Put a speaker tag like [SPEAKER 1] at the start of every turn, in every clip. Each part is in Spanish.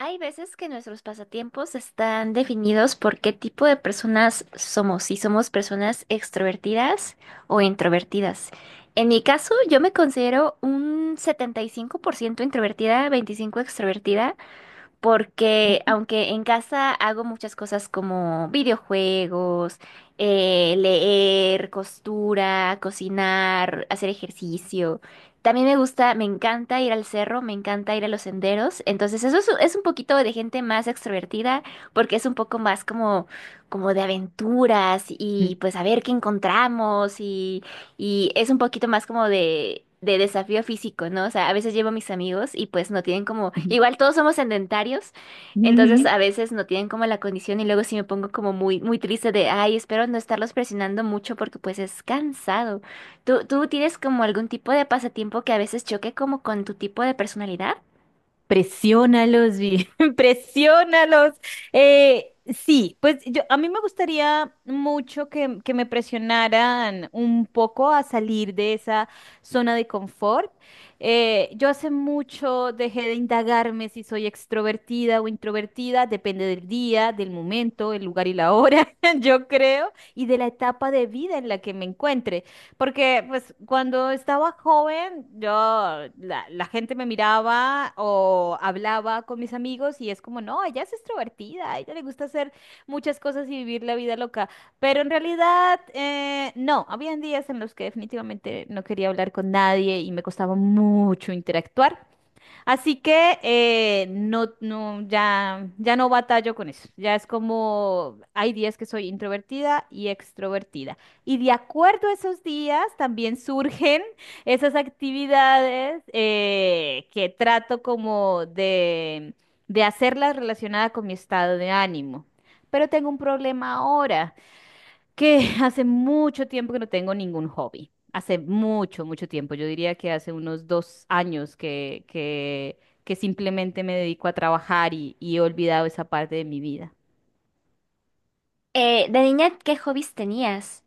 [SPEAKER 1] Hay veces que nuestros pasatiempos están definidos por qué tipo de personas somos, si somos personas extrovertidas o introvertidas. En mi caso, yo me considero un 75% introvertida, 25 extrovertida, porque aunque en casa hago muchas cosas como videojuegos, leer, costura, cocinar, hacer ejercicio, también me gusta, me encanta ir al cerro, me encanta ir a los senderos, entonces eso es un poquito de gente más extrovertida porque es un poco más como, como de aventuras y
[SPEAKER 2] Ujú,
[SPEAKER 1] pues a ver qué encontramos y es un poquito más como de desafío físico, ¿no? O sea, a veces llevo a mis amigos y pues no tienen como,
[SPEAKER 2] ujú,
[SPEAKER 1] igual todos somos sedentarios, entonces
[SPEAKER 2] ujú.
[SPEAKER 1] a veces no tienen como la condición y luego sí me pongo como muy, muy triste de, ay, espero no estarlos presionando mucho porque pues es cansado. ¿Tú tienes como algún tipo de pasatiempo que a veces choque como con tu tipo de personalidad?
[SPEAKER 2] Presiónalos, Vi, presiónalos. Sí, pues yo, a mí me gustaría mucho que me presionaran un poco a salir de esa zona de confort. Yo hace mucho dejé de indagarme si soy extrovertida o introvertida, depende del día, del momento, el lugar y la hora, yo creo, y de la etapa de vida en la que me encuentre. Porque pues cuando estaba joven, yo, la gente me miraba o hablaba con mis amigos y es como, no, ella es extrovertida, a ella le gusta hacer muchas cosas y vivir la vida loca. Pero en realidad, no, habían días en los que definitivamente no quería hablar con nadie y me costaba mucho interactuar. Así que no, no, ya, ya no batallo con eso. Ya es como hay días que soy introvertida y extrovertida. Y de acuerdo a esos días también surgen esas actividades que trato como de hacerlas relacionadas con mi estado de ánimo. Pero tengo un problema ahora que hace mucho tiempo que no tengo ningún hobby. Hace mucho, mucho tiempo. Yo diría que hace unos dos años que simplemente me dedico a trabajar y he olvidado esa parte de mi vida.
[SPEAKER 1] De niña, ¿qué hobbies tenías?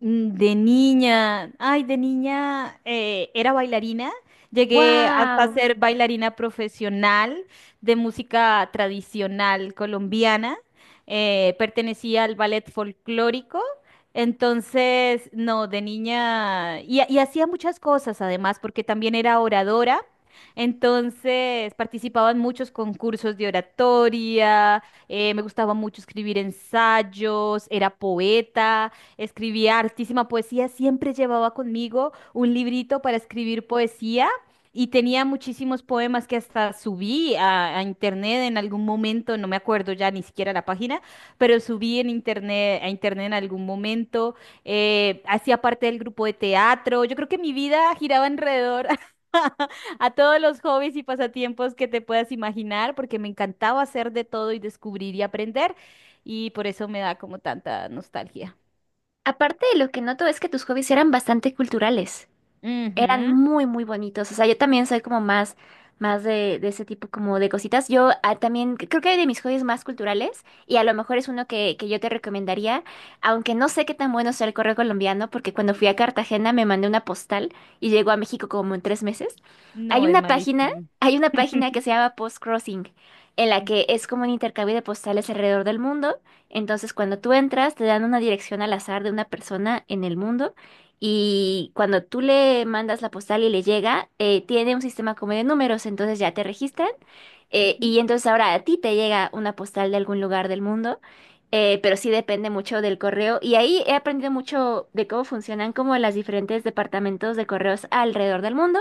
[SPEAKER 2] Mm. De niña, ay, de niña era bailarina, llegué hasta
[SPEAKER 1] ¡Wow!
[SPEAKER 2] ser bailarina profesional de música tradicional colombiana, pertenecía al ballet folclórico, entonces, no, de niña, y hacía muchas cosas además, porque también era oradora, entonces participaba en muchos concursos de oratoria, me gustaba mucho escribir ensayos, era poeta, escribía hartísima poesía, siempre llevaba conmigo un librito para escribir poesía y tenía muchísimos poemas que hasta subí a internet en algún momento, no me acuerdo ya ni siquiera la página, pero subí en internet, a internet en algún momento, hacía parte del grupo de teatro, yo creo que mi vida giraba alrededor a todos los hobbies y pasatiempos que te puedas imaginar, porque me encantaba hacer de todo y descubrir y aprender, y por eso me da como tanta nostalgia.
[SPEAKER 1] Aparte de lo que noto es que tus hobbies eran bastante culturales. Eran
[SPEAKER 2] Ujú.
[SPEAKER 1] muy, muy bonitos. O sea, yo también soy como más, más de ese tipo como de cositas. Yo ah, también creo que hay de mis hobbies más culturales, y a lo mejor es uno que yo te recomendaría, aunque no sé qué tan bueno sea el correo colombiano, porque cuando fui a Cartagena me mandé una postal y llegó a México como en 3 meses. Hay
[SPEAKER 2] No, es
[SPEAKER 1] una página,
[SPEAKER 2] malísimo.
[SPEAKER 1] hay una página que se llama Post Crossing, en la que es como un intercambio de postales alrededor del mundo. Entonces, cuando tú entras, te dan una dirección al azar de una persona en el mundo. Y cuando tú le mandas la postal y le llega, tiene un sistema como de números, entonces ya te registran.
[SPEAKER 2] Ujú,
[SPEAKER 1] Y entonces ahora a ti te llega una postal de algún lugar del mundo, pero sí depende mucho del correo. Y ahí he aprendido mucho de cómo funcionan como los diferentes departamentos de correos alrededor del mundo.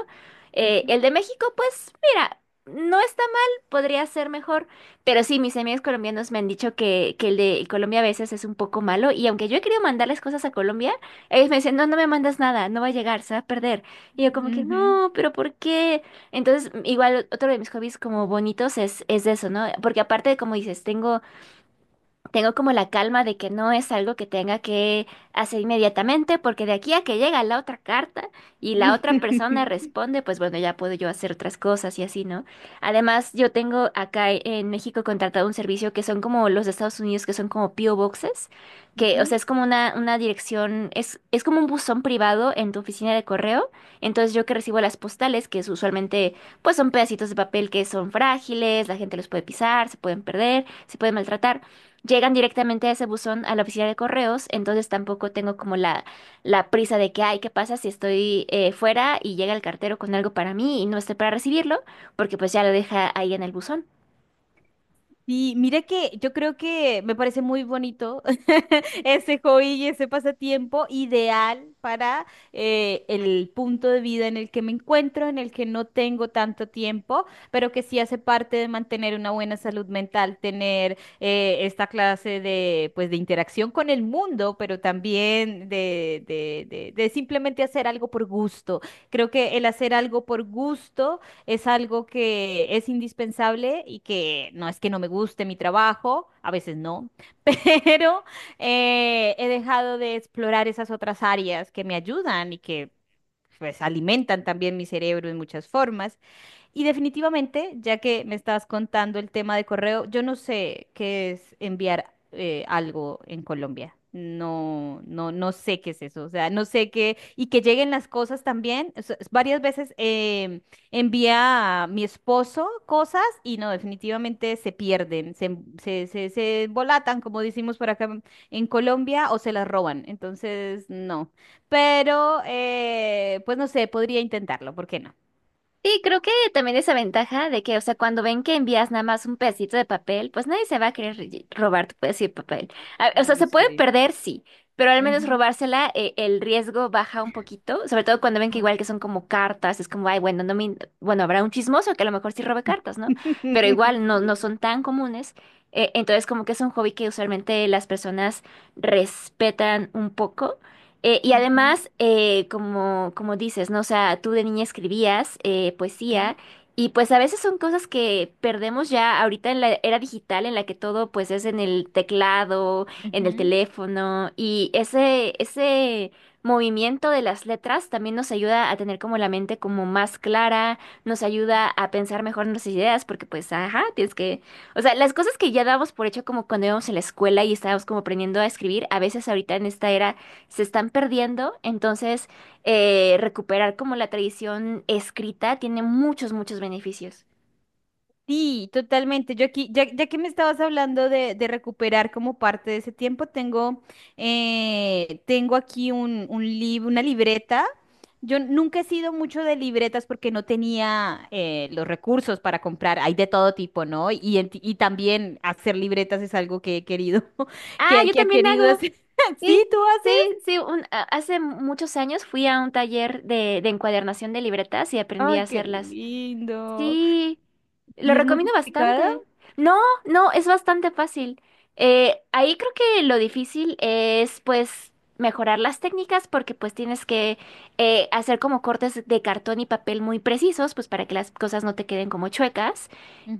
[SPEAKER 2] ujú,
[SPEAKER 1] El de México, pues mira, no está mal, podría ser mejor. Pero sí, mis amigos colombianos me han dicho que el de Colombia a veces es un poco malo y aunque yo he querido mandarles cosas a Colombia, ellos me decían, no, no me mandas nada, no va a llegar, se va a perder. Y yo como que,
[SPEAKER 2] ujú, ujú,
[SPEAKER 1] no, pero ¿por qué? Entonces, igual otro de mis hobbies como bonitos es eso, ¿no? Porque aparte, como dices, tengo como la calma de que no es algo que tenga que hacer inmediatamente, porque de aquí a que llega la otra carta y la otra persona responde, pues bueno, ya puedo yo hacer otras cosas y así, ¿no? Además, yo tengo acá en México contratado un servicio que son como los de Estados Unidos, que son como PO Boxes, que, o sea,
[SPEAKER 2] ujú.
[SPEAKER 1] es como una dirección, es como un buzón privado en tu oficina de correo. Entonces, yo que recibo las postales, que es usualmente, pues son pedacitos de papel que son frágiles, la gente los puede pisar, se pueden perder, se pueden maltratar llegan directamente a ese buzón a la oficina de correos, entonces tampoco tengo como la prisa de que, ay, ¿qué pasa si estoy fuera y llega el cartero con algo para mí y no esté para recibirlo? Porque pues ya lo deja ahí en el buzón.
[SPEAKER 2] Sí, mira que yo creo que me parece muy bonito ese hobby y ese pasatiempo ideal para el punto de vida en el que me encuentro, en el que no tengo tanto tiempo, pero que sí hace parte de mantener una buena salud mental, tener esta clase de, pues, de interacción con el mundo, pero también de simplemente hacer algo por gusto. Creo que el hacer algo por gusto es algo que es indispensable y que no es que no me guste mi trabajo, a veces no, pero he dejado de explorar esas otras áreas que me ayudan y que pues alimentan también mi cerebro en muchas formas. Y definitivamente, ya que me estabas contando el tema de correo, yo no sé qué es enviar algo en Colombia. No, no, no sé qué es eso. O sea, no sé qué. Y que lleguen las cosas también. O sea, varias veces envía a mi esposo cosas y no, definitivamente se pierden, se, em- se embolatan, como decimos por acá en Colombia, o se las roban. Entonces, no. Pero, pues no sé, podría intentarlo, ¿por qué no?
[SPEAKER 1] Sí, creo que también esa ventaja de que, o sea, cuando ven que envías nada más un pedacito de papel, pues nadie se va a querer lle- robar tu pedacito de papel. A- O sea, se puede
[SPEAKER 2] Sí.
[SPEAKER 1] perder, sí, pero al menos robársela, el riesgo baja un poquito, sobre todo cuando ven que
[SPEAKER 2] Ujú.
[SPEAKER 1] igual que son como cartas, es como, ay, bueno, no me, in- bueno, habrá un chismoso que a lo mejor sí robe cartas, ¿no? Pero igual no, no son tan comunes. Entonces, como que es un hobby que usualmente las personas respetan un poco. Y
[SPEAKER 2] Ujú,
[SPEAKER 1] además, como, como dices, ¿no? O sea, tú de niña escribías
[SPEAKER 2] ujú,
[SPEAKER 1] poesía y pues a veces son cosas que perdemos ya ahorita en la era digital en la que todo pues es en el teclado, en el
[SPEAKER 2] ujú.
[SPEAKER 1] teléfono y ese movimiento de las letras también nos ayuda a tener como la mente como más clara, nos ayuda a pensar mejor nuestras ideas porque pues, ajá, tienes que... O sea, las cosas que ya dábamos por hecho como cuando íbamos a la escuela y estábamos como aprendiendo a escribir, a veces ahorita en esta era se están perdiendo, entonces recuperar como la tradición escrita tiene muchos, muchos beneficios.
[SPEAKER 2] Sí, totalmente. Yo aquí, ya, ya que me estabas hablando de recuperar como parte de ese tiempo, tengo, tengo aquí una libreta. Yo nunca he sido mucho de libretas porque no tenía los recursos para comprar. Hay de todo tipo, ¿no? Y también hacer libretas es algo que he querido,
[SPEAKER 1] Ah, yo
[SPEAKER 2] que ha
[SPEAKER 1] también
[SPEAKER 2] querido
[SPEAKER 1] hago.
[SPEAKER 2] hacer. Sí,
[SPEAKER 1] Sí,
[SPEAKER 2] tú haces.
[SPEAKER 1] sí. un- a- hace muchos años fui a un taller de encuadernación de libretas y aprendí a
[SPEAKER 2] Ay, qué
[SPEAKER 1] hacerlas.
[SPEAKER 2] lindo.
[SPEAKER 1] Sí, lo
[SPEAKER 2] ¿Y es muy
[SPEAKER 1] recomiendo
[SPEAKER 2] complicada?
[SPEAKER 1] bastante. No, no, es bastante fácil. Ahí creo que lo difícil es pues mejorar las técnicas porque pues tienes que hacer como cortes de cartón y papel muy precisos pues para que las cosas no te queden como chuecas.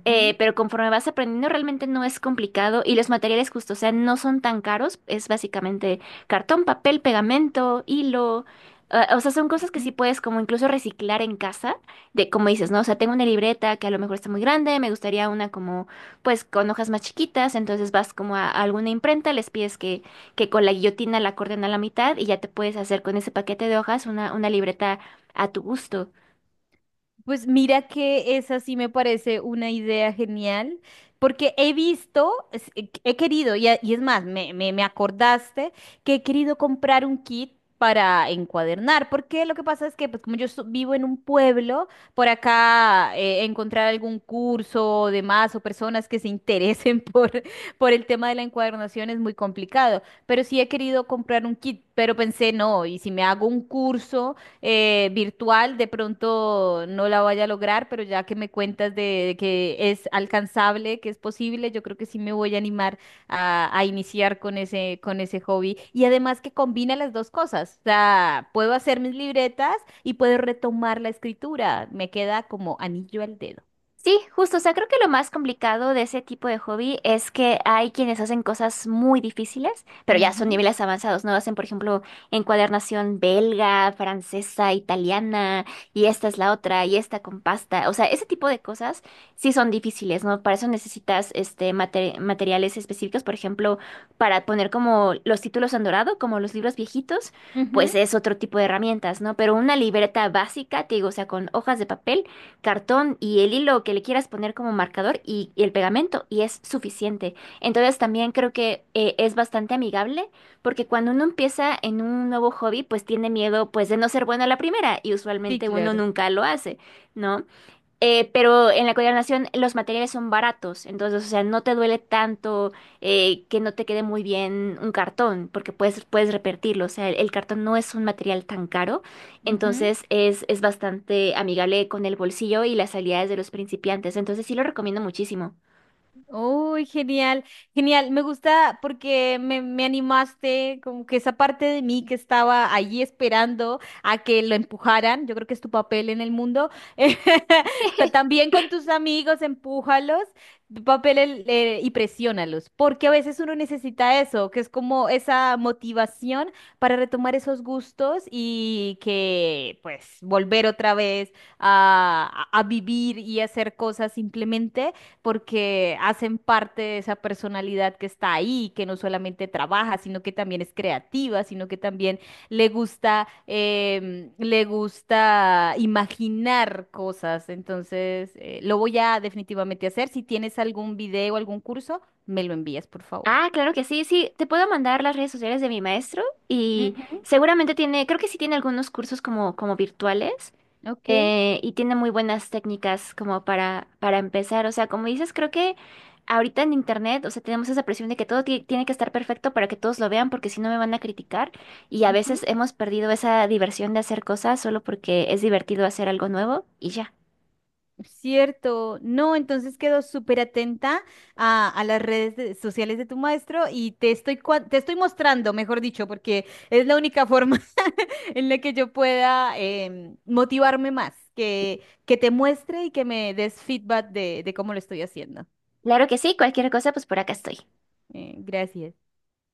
[SPEAKER 1] Pero conforme vas aprendiendo, realmente no es complicado y los materiales justo, o sea, no son tan caros. Es básicamente cartón, papel, pegamento, hilo. O sea, son cosas que sí
[SPEAKER 2] Mm.
[SPEAKER 1] puedes como incluso reciclar en casa, de como dices, ¿no? O sea, tengo una libreta que a lo mejor está muy grande, me gustaría una como, pues, con hojas más chiquitas, entonces vas como a alguna imprenta, les pides que con la guillotina la corten a la mitad y ya te puedes hacer con ese paquete de hojas una libreta a tu gusto.
[SPEAKER 2] Pues mira que esa sí me parece una idea genial, porque he visto, he querido, y es más, me acordaste que he querido comprar un kit para encuadernar, porque lo que pasa es que pues como yo vivo en un pueblo, por acá encontrar algún curso o demás o personas que se interesen por el tema de la encuadernación es muy complicado, pero sí he querido comprar un kit, pero pensé, no, y si me hago un curso virtual, de pronto no la vaya a lograr, pero ya que me cuentas de que es alcanzable, que es posible, yo creo que sí me voy a animar a iniciar con ese hobby. Y además que combina las dos cosas, o sea, puedo hacer mis libretas y puedo retomar la escritura, me queda como anillo al dedo.
[SPEAKER 1] Sí, justo, o sea, creo que lo más complicado de ese tipo de hobby es que hay quienes hacen cosas muy difíciles, pero ya son
[SPEAKER 2] Ujú,
[SPEAKER 1] niveles avanzados, ¿no? Hacen, por ejemplo, encuadernación belga, francesa, italiana, y esta es la otra, y esta con pasta. O sea, ese tipo de cosas sí son difíciles, ¿no? Para eso necesitas este mate- materiales específicos, por ejemplo, para poner como los títulos en dorado, como los libros viejitos,
[SPEAKER 2] ujú.
[SPEAKER 1] pues es otro tipo de herramientas, ¿no? Pero una libreta básica, te digo, o sea, con hojas de papel cartón y el hilo que le quieras poner como marcador y el pegamento y es suficiente. Entonces también creo que es bastante amigable porque cuando uno empieza en un nuevo hobby pues tiene miedo pues de no ser bueno a la primera y
[SPEAKER 2] Sí,
[SPEAKER 1] usualmente uno nunca lo hace, ¿no? Pero en la coordinación los materiales son baratos, entonces, o sea, no te duele tanto que no te quede muy bien un cartón, porque puedes, puedes repetirlo, o sea, el cartón no es un material tan caro,
[SPEAKER 2] claro.
[SPEAKER 1] entonces es bastante amigable con el bolsillo y las habilidades de los principiantes, entonces sí lo recomiendo muchísimo.
[SPEAKER 2] Uy, genial, genial. Me gusta porque me animaste, como que esa parte de mí que estaba allí esperando a que lo empujaran. Yo creo que es tu papel en el mundo. También con tus amigos, empújalos, tu papel y presiónalos, porque a veces uno necesita eso, que es como esa motivación para retomar esos gustos y que, pues, volver otra vez a, a vivir y hacer cosas simplemente porque hacen parte de esa personalidad que está ahí, que no solamente trabaja, sino que también es creativa, sino que también le gusta, le gusta imaginar cosas. Entonces, lo voy a definitivamente hacer. Si tienes algún video, algún curso, me lo envías, por favor.
[SPEAKER 1] Ah, claro que sí, sí, te puedo mandar las redes sociales de mi maestro y
[SPEAKER 2] Ujú.
[SPEAKER 1] seguramente tiene, creo que sí tiene algunos cursos como, como virtuales.
[SPEAKER 2] Ok.
[SPEAKER 1] Y tiene muy buenas técnicas como para empezar. O sea, como dices, creo que ahorita en internet, o sea, tenemos esa presión de que todo ti- tiene que estar perfecto para que todos lo vean, porque si no me van a criticar. Y a
[SPEAKER 2] Ujú.
[SPEAKER 1] veces hemos perdido esa diversión de hacer cosas solo porque es divertido hacer algo nuevo y ya.
[SPEAKER 2] Cierto, no, entonces quedo súper atenta a las redes sociales de tu maestro y te estoy, te estoy mostrando, mejor dicho, porque es la única forma en la que yo pueda motivarme más, que te muestre y que me des feedback de cómo lo estoy haciendo.
[SPEAKER 1] Claro que sí, cualquier cosa, pues por acá estoy.
[SPEAKER 2] Gracias.